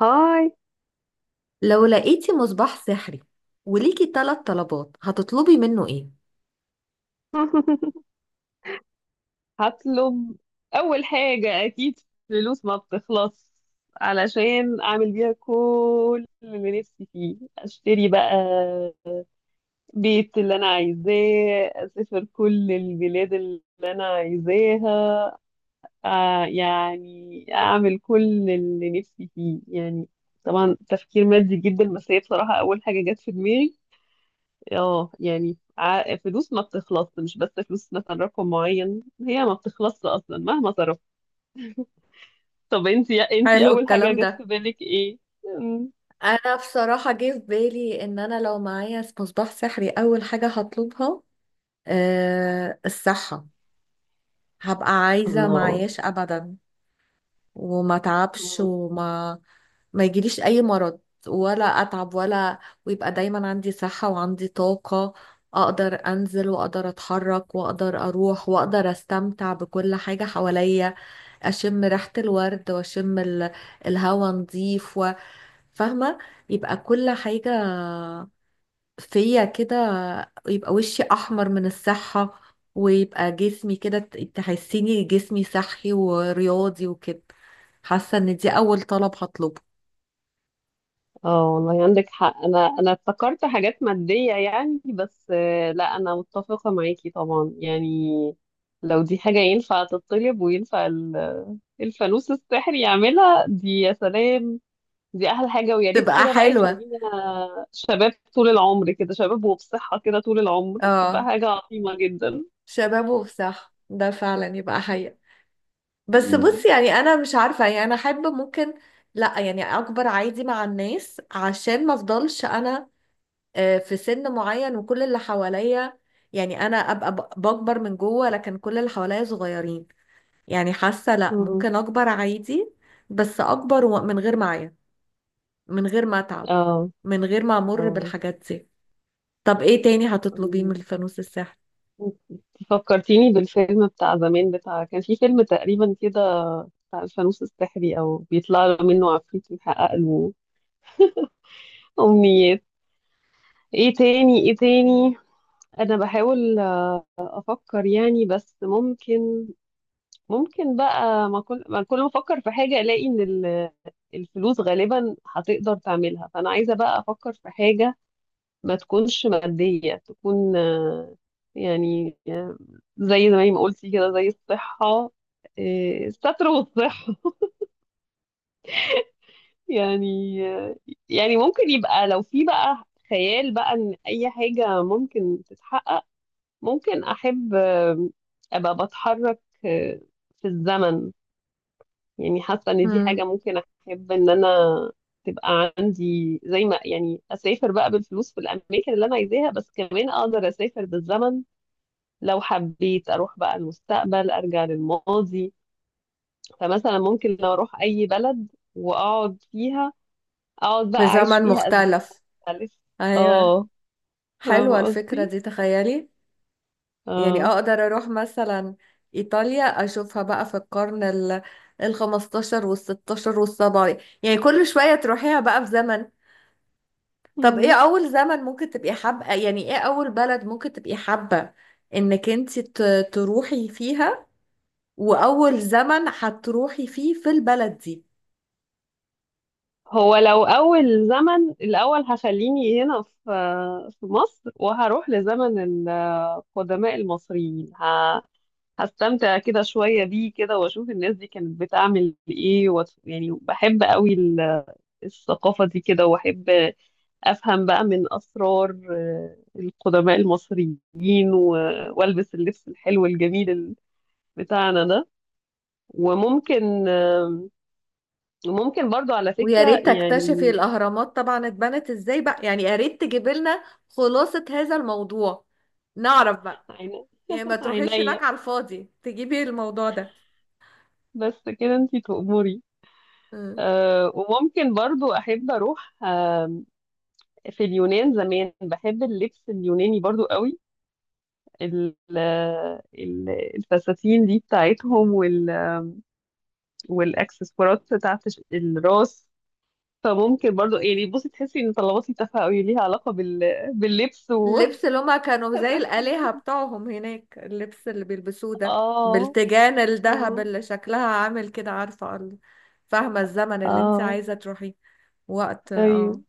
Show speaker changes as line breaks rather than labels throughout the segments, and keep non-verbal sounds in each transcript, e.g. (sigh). هاي.
لو لقيتي مصباح سحري وليكي ثلاث طلبات هتطلبي منه ايه؟
(laughs) هطلب. اول حاجة اكيد فلوس ما بتخلص، علشان اعمل بيها كل اللي نفسي فيه، اشتري بقى بيت اللي انا عايزاه، اسافر كل البلاد اللي انا عايزاها. يعني اعمل كل اللي نفسي فيه يعني. طبعا تفكير مادي جدا، بس هي بصراحة اول حاجة جت في دماغي. اه يعني فلوس ما بتخلص، مش بس فلوس مثلا رقم معين، هي ما بتخلصش اصلا مهما صرفت. طب انتي
حلو
اول حاجة
الكلام
جت
ده.
في بالك ايه؟ مم.
انا بصراحة جه في بالي ان انا لو معايا مصباح سحري اول حاجة هطلبها أه، الصحة. هبقى عايزة
الله.
معياش ابدا وما تعبش
مم.
ما يجيليش اي مرض ولا اتعب ولا ويبقى دايما عندي صحة وعندي طاقة، اقدر انزل واقدر اتحرك واقدر اروح واقدر استمتع بكل حاجة حواليا. اشم ريحة الورد واشم الهوا نضيف فاهمة؟ يبقى كل حاجة فيا كده، يبقى وشي احمر من الصحة، ويبقى جسمي كده تحسيني جسمي صحي ورياضي وكده. حاسة ان دي اول طلب هطلبه.
اه والله عندك حق، انا افتكرت حاجات مادية يعني، بس لا انا متفقة معاكي طبعا يعني. لو دي حاجة ينفع تطلب، وينفع الفانوس السحري يعملها دي، يا سلام. دي احلى حاجه، ويا ريت
تبقى
كده بقى
حلوة.
يخلينا شباب طول العمر، كده شباب وبصحه، كده طول العمر، تبقى
اه،
حاجه عظيمه جدا.
شباب وصح، ده فعلا يبقى حقيقة. بس
مم.
بصي، يعني انا مش عارفة، يعني انا احب ممكن، لا يعني اكبر عادي مع الناس عشان ما افضلش انا في سن معين وكل اللي حواليا، يعني انا ابقى بكبر من جوه لكن كل اللي حواليا صغيرين. يعني حاسه لا،
مم.
ممكن اكبر عادي، بس اكبر من غير معايا، من غير ما اتعب،
اه.
من غير ما امر
اه.
بالحاجات دي. طب ايه تاني هتطلبيه من
مم.
الفانوس السحري؟
انت فكرتيني بالفيلم بتاع زمان، بتاع كان في فيلم تقريبا كده، بتاع الفانوس السحري او بيطلع له منه عفريت يحقق له امنيات. ايه تاني ايه تاني؟ انا بحاول افكر يعني، بس ممكن، ممكن بقى، ما كل ما افكر في حاجه الاقي ان الفلوس غالبا هتقدر تعملها، فانا عايزه بقى افكر في حاجه ما تكونش ماديه، تكون يعني زي ما قلتي كده، زي الصحه. الستر والصحه. (laughs) يعني يعني ممكن يبقى لو في بقى خيال بقى ان اي حاجه ممكن تتحقق. ممكن احب ابقى بتحرك في الزمن. يعني حاسة ان دي
امم،
حاجة ممكن احب ان انا تبقى عندي، زي ما يعني اسافر بقى بالفلوس في الاماكن اللي انا عايزاها، بس كمان اقدر اسافر بالزمن. لو حبيت اروح بقى المستقبل، ارجع للماضي. فمثلا ممكن لو اروح اي بلد واقعد فيها، اقعد بقى
في
اعيش
زمن
فيها ازمنة
مختلف.
مختلفة.
ايوه،
اه فاهمة
حلوه الفكره
قصدي،
دي، تخيلي. يعني
اه.
اقدر اروح مثلا ايطاليا اشوفها بقى في القرن ال 15 وال 16 وال 17، يعني كل شوية تروحيها بقى في زمن. طب ايه اول زمن ممكن تبقي حابة، يعني ايه اول بلد ممكن تبقي حابة انك انت تروحي فيها، واول زمن هتروحي فيه في البلد دي؟
هو لو أول زمن الأول، هخليني هنا في مصر، وهروح لزمن القدماء المصريين. هستمتع كده شوية بيه كده، وأشوف الناس دي كانت بتعمل إيه، يعني بحب قوي الثقافة دي كده، وأحب أفهم بقى من أسرار القدماء المصريين. وألبس اللبس الحلو الجميل بتاعنا ده. وممكن، ممكن برضو على
ويا
فكرة
ريت تكتشفي
يعني،
الاهرامات طبعا اتبنت ازاي بقى، يعني يا ريت تجيب لنا خلاصة هذا الموضوع، نعرف بقى، يعني ما تروحيش
عينيا
هناك على الفاضي تجيبي الموضوع ده.
بس، كده انتي تأمري.
مم.
أه وممكن برضو أحب أروح في اليونان زمان، بحب اللبس اليوناني برضو قوي، ال- ال- الفساتين دي بتاعتهم، والأكسسوارات بتاعت الراس. فممكن برضو يعني، بصي تحسي إن طلباتي تافهة قوي، ليها علاقة باللبس
اللبس اللي هما كانوا زي الآلهة
وفساتين. (laughs)
بتاعهم هناك، اللبس اللي بيلبسوه ده
اه.
بالتيجان الذهب
اه.
اللي شكلها عامل كده، عارفة فاهمة الزمن اللي انت
اه.
عايزة تروحيه، وقت؟
ايوه.
اه.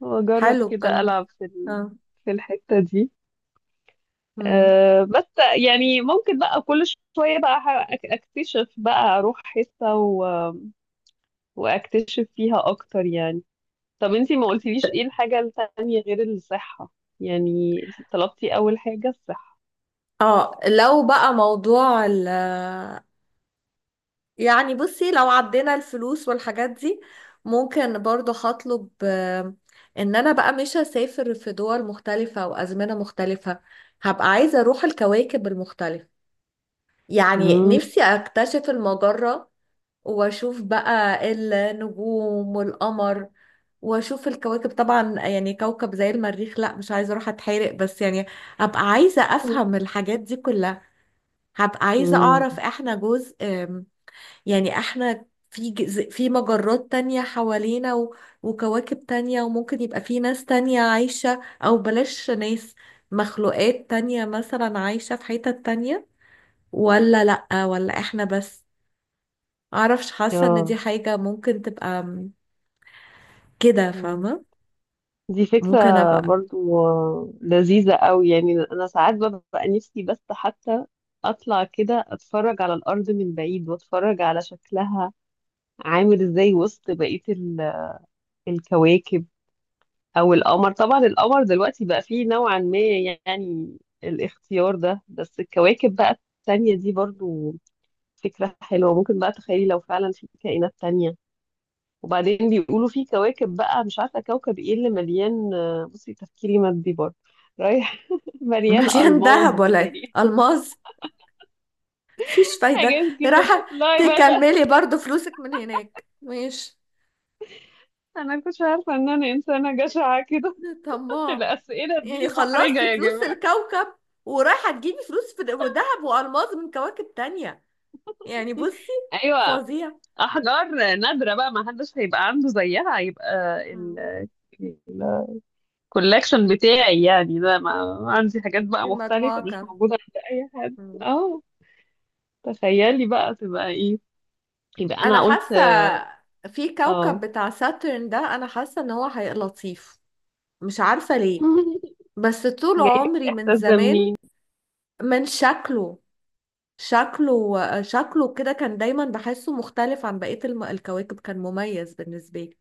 واجرب
حلو
كده
الكلام ده.
العب في
اه.
في الحتة دي.
مم.
أه بس يعني، ممكن بقى كل شوية بقى اكتشف، بقى اروح حتة واكتشف فيها اكتر يعني. طب انتي ما قلتليش ايه الحاجة التانية غير الصحة؟ يعني انتي طلبتي اول حاجة الصحة.
اه، لو بقى موضوع يعني بصي، لو عدينا الفلوس والحاجات دي، ممكن برضو هطلب ان انا بقى مش هسافر في دول مختلفة وازمنة مختلفة، هبقى عايزة اروح الكواكب المختلفة. يعني
مم.
نفسي اكتشف المجرة، واشوف بقى النجوم والقمر، واشوف الكواكب طبعا، يعني كوكب زي المريخ لا مش عايزة اروح اتحرق بس، يعني ابقى عايزة افهم الحاجات دي كلها. هبقى عايزة
مم.
اعرف احنا جزء يعني احنا في في مجرات تانية حوالينا وكواكب تانية، وممكن يبقى في ناس تانية عايشة، او بلاش ناس، مخلوقات تانية مثلا عايشة في حتت تانية، ولا لأ ولا احنا بس؟ معرفش، حاسة ان دي
اه.
حاجة ممكن تبقى كده،
مم.
فاهمة؟
دي فكرة
ممكن ابقى
برضو لذيذة قوي، يعني أنا ساعات ببقى نفسي بس حتى أطلع كده أتفرج على الأرض من بعيد، وأتفرج على شكلها عامل إزاي وسط بقية الكواكب. او القمر طبعا، القمر دلوقتي بقى فيه نوعا ما يعني الاختيار ده، بس الكواكب بقى التانية دي برضو فكرة حلوة. ممكن بقى تخيلي لو فعلا في كائنات تانية. وبعدين بيقولوا في كواكب، بقى مش عارفة كوكب ايه اللي مليان، بصي تفكيري مادي برضو رايح. (laughs)
(laughs)
مليان
مليان
ألماس
دهب ولا إيه؟
يعني،
ألماس؟ مفيش فايدة.
حاجات كده
راحة.
تطلعي بقى
تكملي برضو فلوسك من هناك، ماشي.
انا كنتش عارفة ان انا انسانة جشعة كده. (laughs)
طماع،
الأسئلة
يعني
دي محرجة
خلصتي
يا
فلوس
جماعة.
الكوكب ورايحة تجيبي فلوس في دهب وألماس من كواكب تانية، يعني بصي،
ايوه.
فظيع.
احجار نادره بقى، ما حدش هيبقى عنده زيها، هيبقى ال
مم.
الكولكشن بتاعي يعني ده، ما عندي حاجات
جيبي
بقى
المجموعة
مختلفه مش
كام.
موجوده عند اي حد،
مم.
اه. تخيلي بقى تبقى ايه. يبقى
انا
انا قلت،
حاسه في كوكب
اه.
بتاع ساترن ده، انا حاسه ان هو هيبقى لطيف. مش عارفه ليه،
(laughs)
بس طول
جايلك
عمري من
الاحساس ده
زمان،
منين؟
من شكله. شكله كده كان دايما بحسه مختلف عن بقيه الكواكب، كان مميز بالنسبه لي،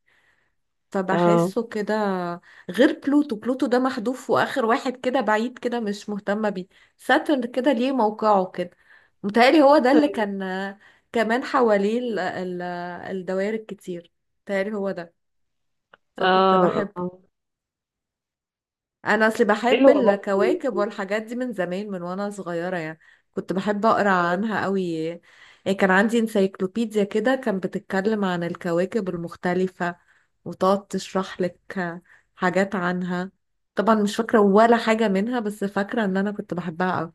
اه.
فبحسه كده. غير بلوتو، بلوتو ده محذوف واخر واحد كده بعيد كده، مش مهتمه بيه. ساترن كده ليه موقعه كده، متهيألي هو ده اللي كان كمان حواليه الدوائر الكتير، متهيألي هو ده، فكنت
اه.
بحبه.
اه.
انا اصلي بحب
حلوة برضه.
الكواكب والحاجات دي من زمان، من وانا صغيره يعني. كنت بحب اقرا عنها قوي. يعني كان عندي انسايكلوبيديا كده كان بتتكلم عن الكواكب المختلفه، وتقعد تشرح لك حاجات عنها. طبعا مش فاكره ولا حاجه منها، بس فاكره ان انا كنت بحبها قوي.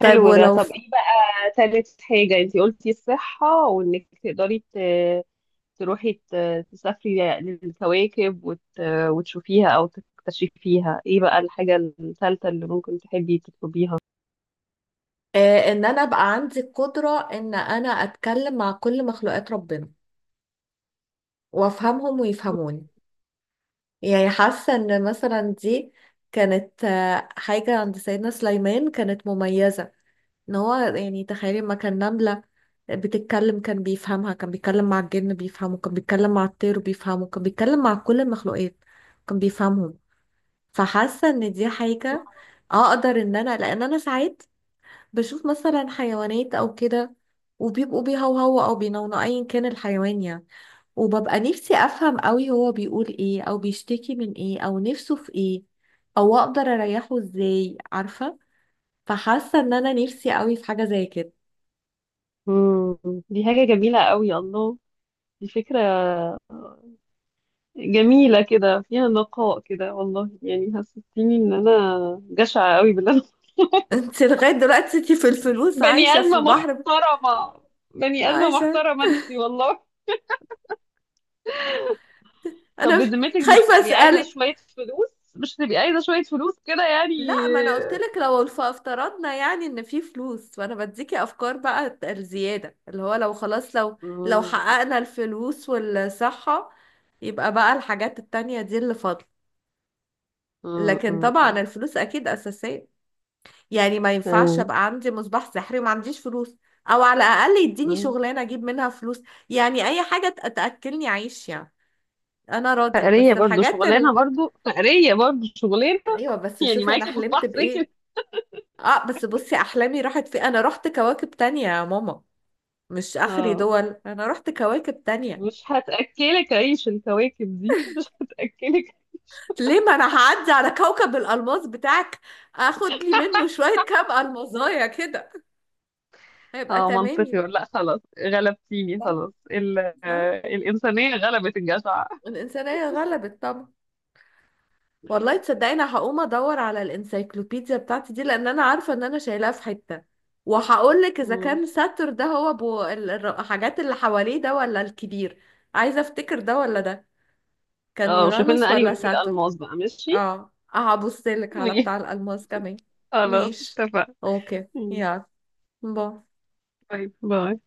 طيب
حلو ده.
ولو
طب
ف...
ايه بقى تالت حاجة؟ انتي قلتي الصحة، وانك تقدري تروحي تسافري للكواكب وتشوفيها أو تكتشفيها. ايه بقى الحاجة الثالثة اللي ممكن تحبي تطلبيها؟
ان انا ابقى عندي القدره ان انا اتكلم مع كل مخلوقات ربنا، وافهمهم ويفهموني. يعني حاسة ان مثلا دي كانت حاجة عند سيدنا سليمان كانت مميزة، ان هو يعني تخيلي ما كان نملة بتتكلم كان بيفهمها، كان بيتكلم مع الجن بيفهمه، كان بيتكلم مع الطير بيفهمه، كان بيتكلم مع كل المخلوقات كان بيفهمهم. فحاسة ان دي حاجة اقدر ان انا، لان انا ساعات بشوف مثلا حيوانات او كده وبيبقوا بيهوهوا او بينونوا ايا كان الحيوان، يعني وببقى نفسي افهم قوي هو بيقول ايه او بيشتكي من ايه او نفسه في ايه او اقدر اريحه ازاي، عارفة؟ فحاسة ان انا نفسي قوي في حاجة زي كده.
مم. دي حاجة جميلة قوي، الله. دي فكرة جميلة كده، فيها نقاء كده والله، يعني حسستيني ان انا جشعة قوي بالله.
(laughs) انت لغاية دلوقتي انت في
(laughs)
الفلوس
بني
عايشة، في
آدمة
بحر
محترمة، بني آدمة
عايشة.
محترمة انتي والله. طب
انا مش
بذمتك
(laughs)
مش
خايفة
هتبقي عايزة
اسألك.
شوية فلوس؟ مش هتبقي عايزة شوية فلوس كده يعني؟
لا، ما انا قلت لك لو افترضنا يعني ان في فلوس، فانا بديكي افكار بقى الزيادة، اللي هو لو خلاص، لو لو
مم.
حققنا الفلوس والصحة يبقى بقى الحاجات التانية دي اللي فاضلة.
مم.
لكن
مم.
طبعا الفلوس اكيد اساسيه، يعني ما ينفعش
مم.
ابقى عندي مصباح سحري وما عنديش فلوس، او على الاقل يديني
مم.
شغلانه اجيب منها فلوس، يعني اي حاجه تاكلني عيش يعني، انا راضيه.
فقرية
بس
برضو
الحاجات
شغلانة،
ال...
برضو فقرية برضو شغلانة.
ايوه بس
(laughs) يعني
شوفي انا
معاكي
حلمت
مصباح سكر،
بايه. اه بس بصي، احلامي راحت في، انا رحت كواكب تانية يا ماما، مش اخري
اه.
دول، انا رحت كواكب تانية.
مش هتأكلك عيش الكواكب دي، مش هتأكلك عيش.
ليه؟ ما انا هعدي على كوكب الالماس بتاعك اخد لي منه شويه كام المظايا كده، هيبقى
اه
تمام
منطقي
يعني.
ولا لا؟ خلاص غلبتيني،
صح؟
خلاص،
صح؟
الإنسانية غلبت الجشع.
الإنسانية غلبت طبعا. والله تصدقيني هقوم ادور على الانسايكلوبيديا بتاعتي دي، لان انا عارفة ان انا شايلاها في حتة، وهقول لك اذا
مم.
كان ساتر ده هو ابو الحاجات اللي حواليه ده ولا الكبير. عايزة افتكر ده ولا ده، كان
اه وشوفي
يورانوس
لنا أنهي
ولا
والفيل
ساتر.
ألماس بقى، ماشي.
اه، هبص لك على بتاع
(laughs)
الالماس كمان.
خلاص
ماشي.
اتفقنا.
اوكي،
مم.
يلا. باي.
طيب باي.